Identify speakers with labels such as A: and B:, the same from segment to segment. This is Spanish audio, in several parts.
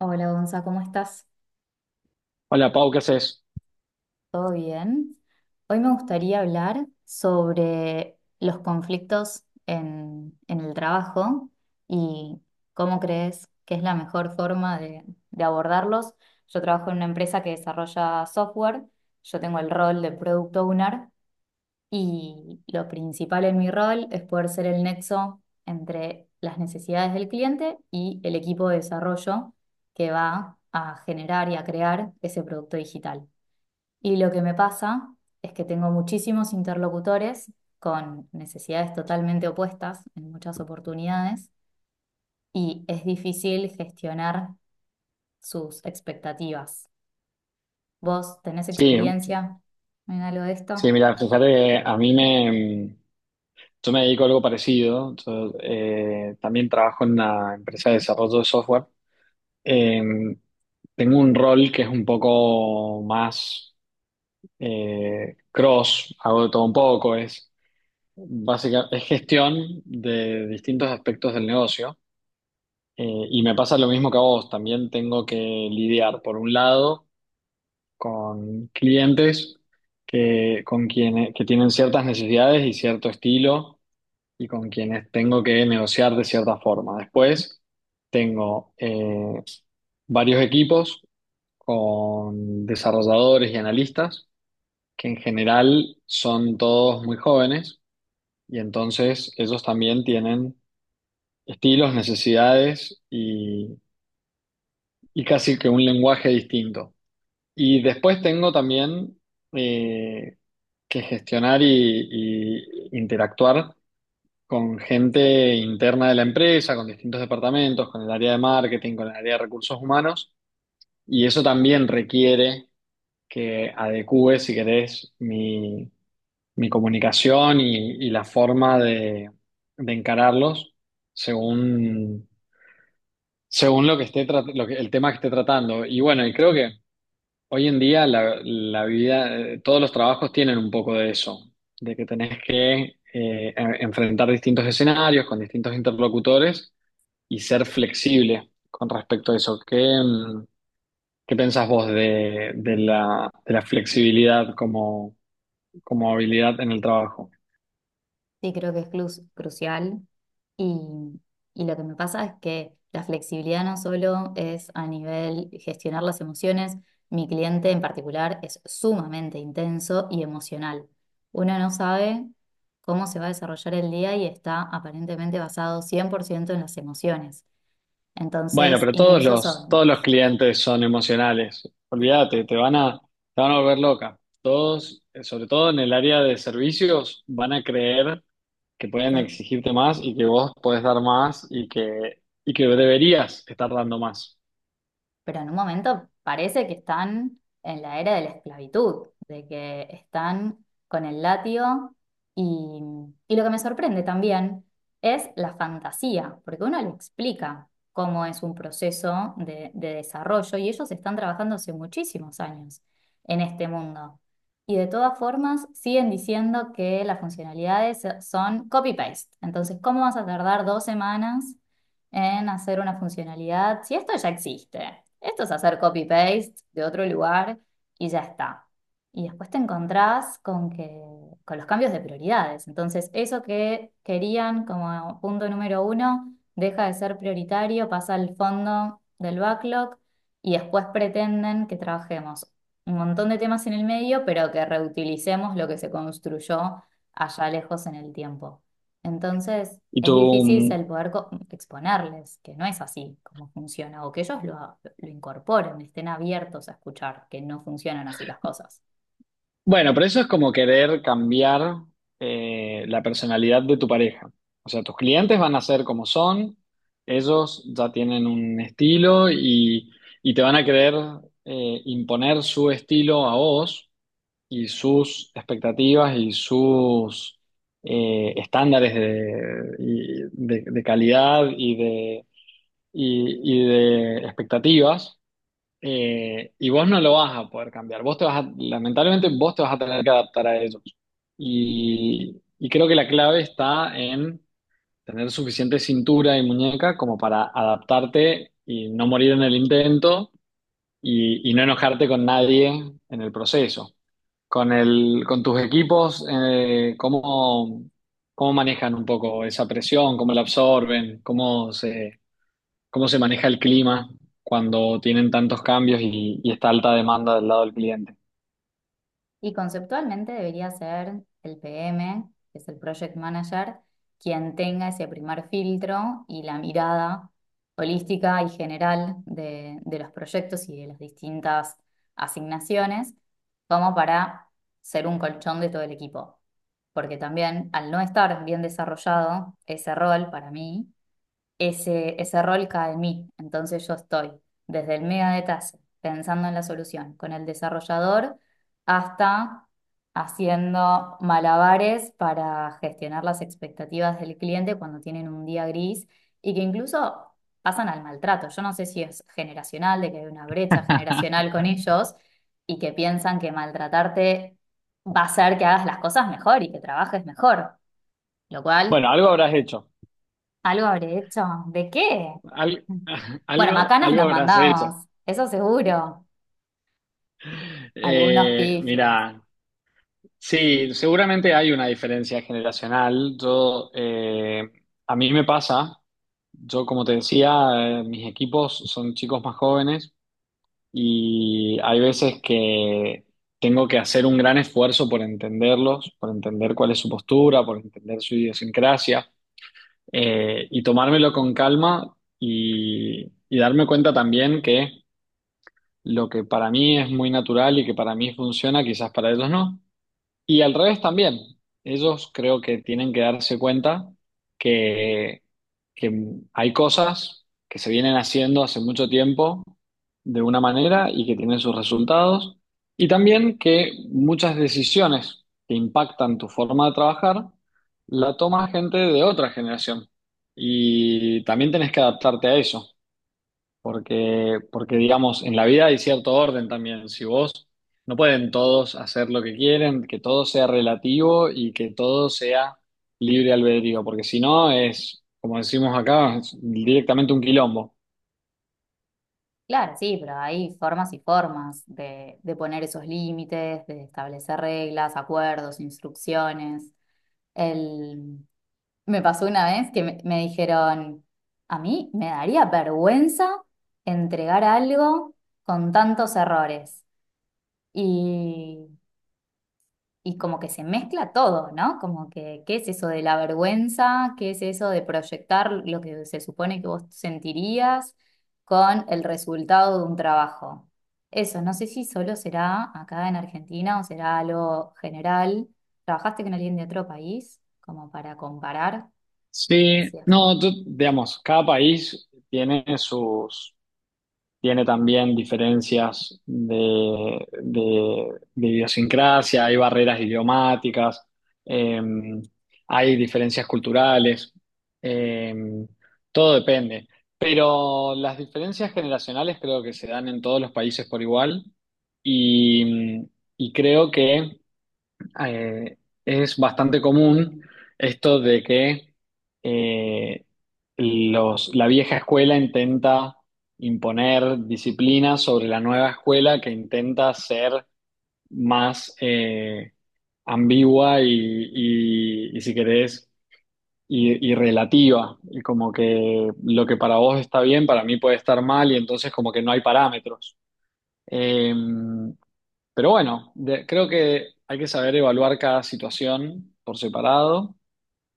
A: Hola, Gonza, ¿cómo estás?
B: Hola Pau, ¿qué haces?
A: ¿Todo bien? Hoy me gustaría hablar sobre los conflictos en el trabajo y cómo crees que es la mejor forma de abordarlos. Yo trabajo en una empresa que desarrolla software. Yo tengo el rol de Product Owner. Y lo principal en mi rol es poder ser el nexo entre las necesidades del cliente y el equipo de desarrollo que va a generar y a crear ese producto digital. Y lo que me pasa es que tengo muchísimos interlocutores con necesidades totalmente opuestas en muchas oportunidades, y es difícil gestionar sus expectativas. ¿Vos tenés
B: Sí,
A: experiencia en algo de
B: sí,
A: esto?
B: mira, fíjate que yo me dedico a algo parecido. Yo, también trabajo en una empresa de desarrollo de software. Eh, Tengo un rol que es un poco más cross, hago de todo un poco, es básicamente es gestión de distintos aspectos del negocio. Y me pasa lo mismo que a vos, también tengo que lidiar, por un lado, con clientes que tienen ciertas necesidades y cierto estilo y con quienes tengo que negociar de cierta forma. Después tengo varios equipos con desarrolladores y analistas que en general son todos muy jóvenes, y entonces ellos también tienen estilos, necesidades y casi que un lenguaje distinto. Y después tengo también eh, que gestionar y interactuar con gente interna de la empresa, con distintos departamentos, con el área de marketing, con el área de recursos humanos. Y eso también requiere que adecúe, si querés, mi comunicación y la forma de encararlos según, según lo que esté, el tema que esté tratando. Y bueno, y creo que hoy en día la vida, todos los trabajos tienen un poco de eso, de que tenés que enfrentar distintos escenarios con distintos interlocutores y ser flexible con respecto a eso. ¿ qué pensás vos de la flexibilidad como, como habilidad en el trabajo?
A: Sí, creo que es crucial, y, y lo que me pasa es que la flexibilidad no solo es a nivel gestionar las emociones. Mi cliente en particular es sumamente intenso y emocional. Uno no sabe cómo se va a desarrollar el día y está aparentemente basado 100% en las emociones.
B: Bueno,
A: Entonces,
B: pero
A: incluso son,
B: todos los clientes son emocionales. Olvídate, te van a volver loca. Todos, sobre todo en el área de servicios, van a creer que pueden exigirte más y que vos podés dar más y que deberías estar dando más.
A: pero en un momento parece que están en la era de la esclavitud, de que están con el látigo, y, y lo que me sorprende también es la fantasía, porque uno le explica cómo es un proceso de desarrollo, y ellos están trabajando hace muchísimos años en este mundo. Y de todas formas siguen diciendo que las funcionalidades son copy-paste. Entonces, ¿cómo vas a tardar dos semanas en hacer una funcionalidad, si esto ya existe? Esto es hacer copy-paste de otro lugar y ya está. Y después te encontrás con que, con los cambios de prioridades. Entonces, eso que querían como punto número uno deja de ser prioritario, pasa al fondo del backlog, y después pretenden que trabajemos un montón de temas en el medio, pero que reutilicemos lo que se construyó allá lejos en el tiempo. Entonces
B: Y
A: es
B: tú,
A: difícil
B: mm,
A: el poder exponerles que no es así como funciona, o que ellos lo incorporen, estén abiertos a escuchar que no funcionan así las cosas.
B: bueno, pero eso es como querer cambiar la personalidad de tu pareja. O sea, tus clientes van a ser como son, ellos ya tienen un estilo y te van a querer imponer su estilo a vos y sus expectativas y sus estándares de calidad y de expectativas, y vos no lo vas a poder cambiar. Vos te vas a- Lamentablemente vos te vas a tener que adaptar a ellos. Y creo que la clave está en tener suficiente cintura y muñeca como para adaptarte y no morir en el intento y no enojarte con nadie en el proceso. Con tus equipos, ¿ cómo manejan un poco esa presión? ¿Cómo la absorben? ¿ cómo se maneja el clima cuando tienen tantos cambios y está alta demanda del lado del cliente?
A: Y conceptualmente debería ser el PM, que es el Project Manager, quien tenga ese primer filtro y la mirada holística y general de los proyectos y de las distintas asignaciones, como para ser un colchón de todo el equipo. Porque también al no estar bien desarrollado ese rol para mí, ese rol cae en mí. Entonces yo estoy desde el mega detalle, pensando en la solución, con el desarrollador, hasta haciendo malabares para gestionar las expectativas del cliente cuando tienen un día gris y que incluso pasan al maltrato. Yo no sé si es generacional, de que hay una brecha generacional con ellos y que piensan que maltratarte va a hacer que hagas las cosas mejor y que trabajes mejor, lo cual
B: Bueno, algo habrás hecho.
A: algo habré hecho. ¿De qué?
B: Al-
A: Bueno, macanas
B: algo
A: nos
B: habrás
A: mandamos,
B: hecho.
A: eso seguro. Algunos pifies.
B: Mira, sí, seguramente hay una diferencia generacional. A mí me pasa, yo como te decía, mis equipos son chicos más jóvenes. Y hay veces que tengo que hacer un gran esfuerzo por entenderlos, por entender cuál es su postura, por entender su idiosincrasia, y tomármelo con calma y darme cuenta también que lo que para mí es muy natural y que para mí funciona, quizás para ellos no. Y al revés también, ellos creo que tienen que darse cuenta que, que hay cosas que se vienen haciendo hace mucho tiempo de una manera y que tienen sus resultados, y también que muchas decisiones que impactan tu forma de trabajar la toma gente de otra generación, y también tenés que adaptarte a eso. Porque, digamos, en la vida hay cierto orden también. Si vos no pueden todos hacer lo que quieren, que todo sea relativo y que todo sea libre albedrío, porque si no es, como decimos acá, es directamente un quilombo.
A: Claro, sí, pero hay formas y formas de poner esos límites, de establecer reglas, acuerdos, instrucciones. El... Me pasó una vez que me dijeron, a mí me daría vergüenza entregar algo con tantos errores. Y y como que se mezcla todo, ¿no? Como que, ¿qué es eso de la vergüenza? ¿Qué es eso de proyectar lo que se supone que vos sentirías con el resultado de un trabajo? Eso, no sé si solo será acá en Argentina o será algo general. ¿Trabajaste con alguien de otro país como para comparar?
B: Sí,
A: Sí.
B: no, digamos, cada país tiene sus. Tiene también diferencias de idiosincrasia, hay barreras idiomáticas, eh, hay diferencias culturales, eh, todo depende. Pero las diferencias generacionales creo que se dan en todos los países por igual, y, y creo que eh, es bastante común esto de que eh, la vieja escuela intenta imponer disciplina sobre la nueva escuela que intenta ser más ambigua y si querés, y relativa. Y como que lo que para vos está bien, para mí puede estar mal y entonces como que no hay parámetros. Eh, pero bueno, creo que hay que saber evaluar cada situación por separado.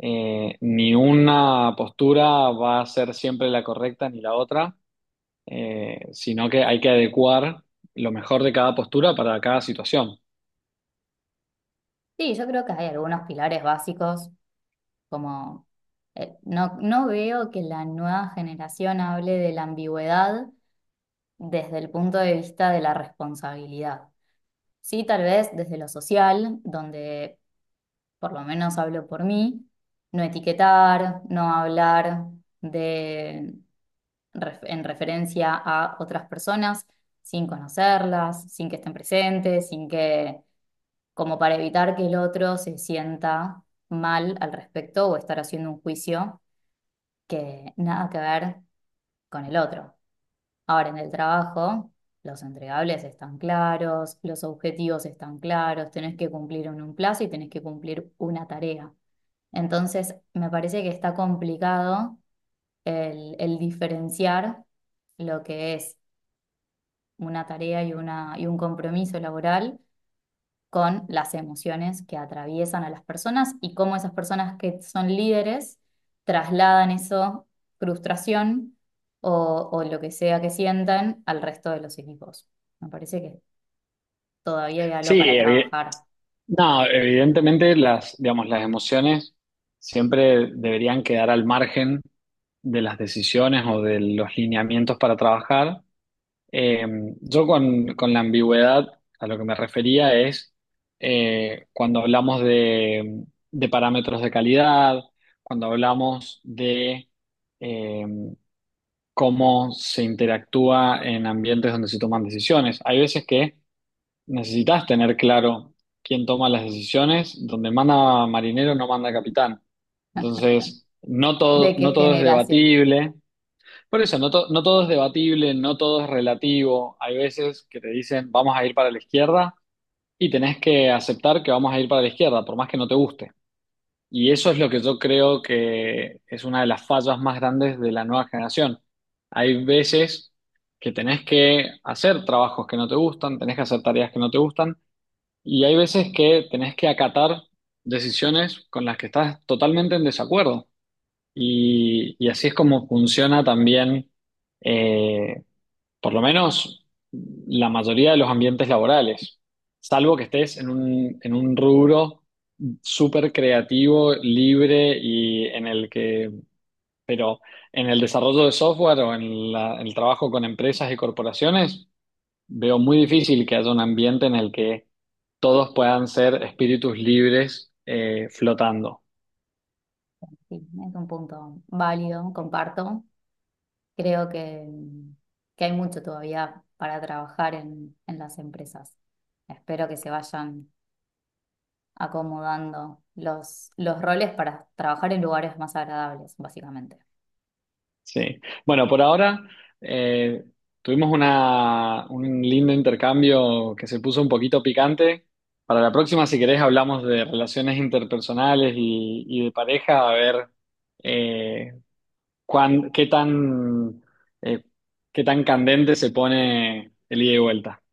B: Ni una postura va a ser siempre la correcta ni la otra, sino que hay que adecuar lo mejor de cada postura para cada situación.
A: Sí, yo creo que hay algunos pilares básicos como... No, no veo que la nueva generación hable de la ambigüedad desde el punto de vista de la responsabilidad. Sí, tal vez desde lo social, donde, por lo menos hablo por mí, no etiquetar, no hablar de, en referencia a otras personas sin conocerlas, sin que estén presentes, sin que, como para evitar que el otro se sienta mal al respecto, o estar haciendo un juicio que nada que ver con el otro. Ahora, en el trabajo, los entregables están claros, los objetivos están claros, tenés que cumplir en un plazo y tenés que cumplir una tarea. Entonces, me parece que está complicado el diferenciar lo que es una y un compromiso laboral con las emociones que atraviesan a las personas, y cómo esas personas que son líderes trasladan eso, frustración o lo que sea que sientan al resto de los equipos. Me parece que todavía hay
B: Sí,
A: algo para
B: evi-
A: trabajar.
B: No, evidentemente las, digamos, las emociones siempre deberían quedar al margen de las decisiones o de los lineamientos para trabajar. Eh, yo con la ambigüedad a lo que me refería es cuando hablamos de parámetros de calidad, cuando hablamos de eh, cómo se interactúa en ambientes donde se toman decisiones. Hay veces que necesitas tener claro quién toma las decisiones, donde manda marinero no manda capitán. Entonces,
A: ¿De qué
B: no todo es
A: generación?
B: debatible. Por eso, no, no todo es debatible, no todo es relativo. Hay veces que te dicen, vamos a ir para la izquierda y tenés que aceptar que vamos a ir para la izquierda, por más que no te guste. Y eso es lo que yo creo que es una de las fallas más grandes de la nueva generación. Hay veces que tenés que hacer trabajos que no te gustan, tenés que hacer tareas que no te gustan, y hay veces que tenés que acatar decisiones con las que estás totalmente en desacuerdo. Y así es como funciona también, eh, por lo menos, la mayoría de los ambientes laborales. Salvo que estés en un rubro súper creativo, libre y en el que, pero en el desarrollo de software o en el trabajo con empresas y corporaciones. Veo muy difícil que haya un ambiente en el que todos puedan ser espíritus libres flotando.
A: Sí, es un punto válido, comparto. Creo que hay mucho todavía para trabajar en las empresas. Espero que se vayan acomodando los roles para trabajar en lugares más agradables, básicamente.
B: Sí. Bueno, por ahora eh, tuvimos un lindo intercambio que se puso un poquito picante. Para la próxima, si querés, hablamos de relaciones interpersonales y de pareja, a ver eh, cuán- qué tan, eh, qué tan candente se pone el ida y vuelta.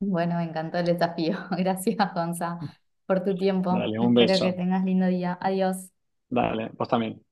A: Bueno, me encantó el desafío. Gracias, Gonza, por tu tiempo.
B: Dale, un
A: Espero que
B: beso.
A: tengas lindo día. Adiós.
B: Dale, vos también.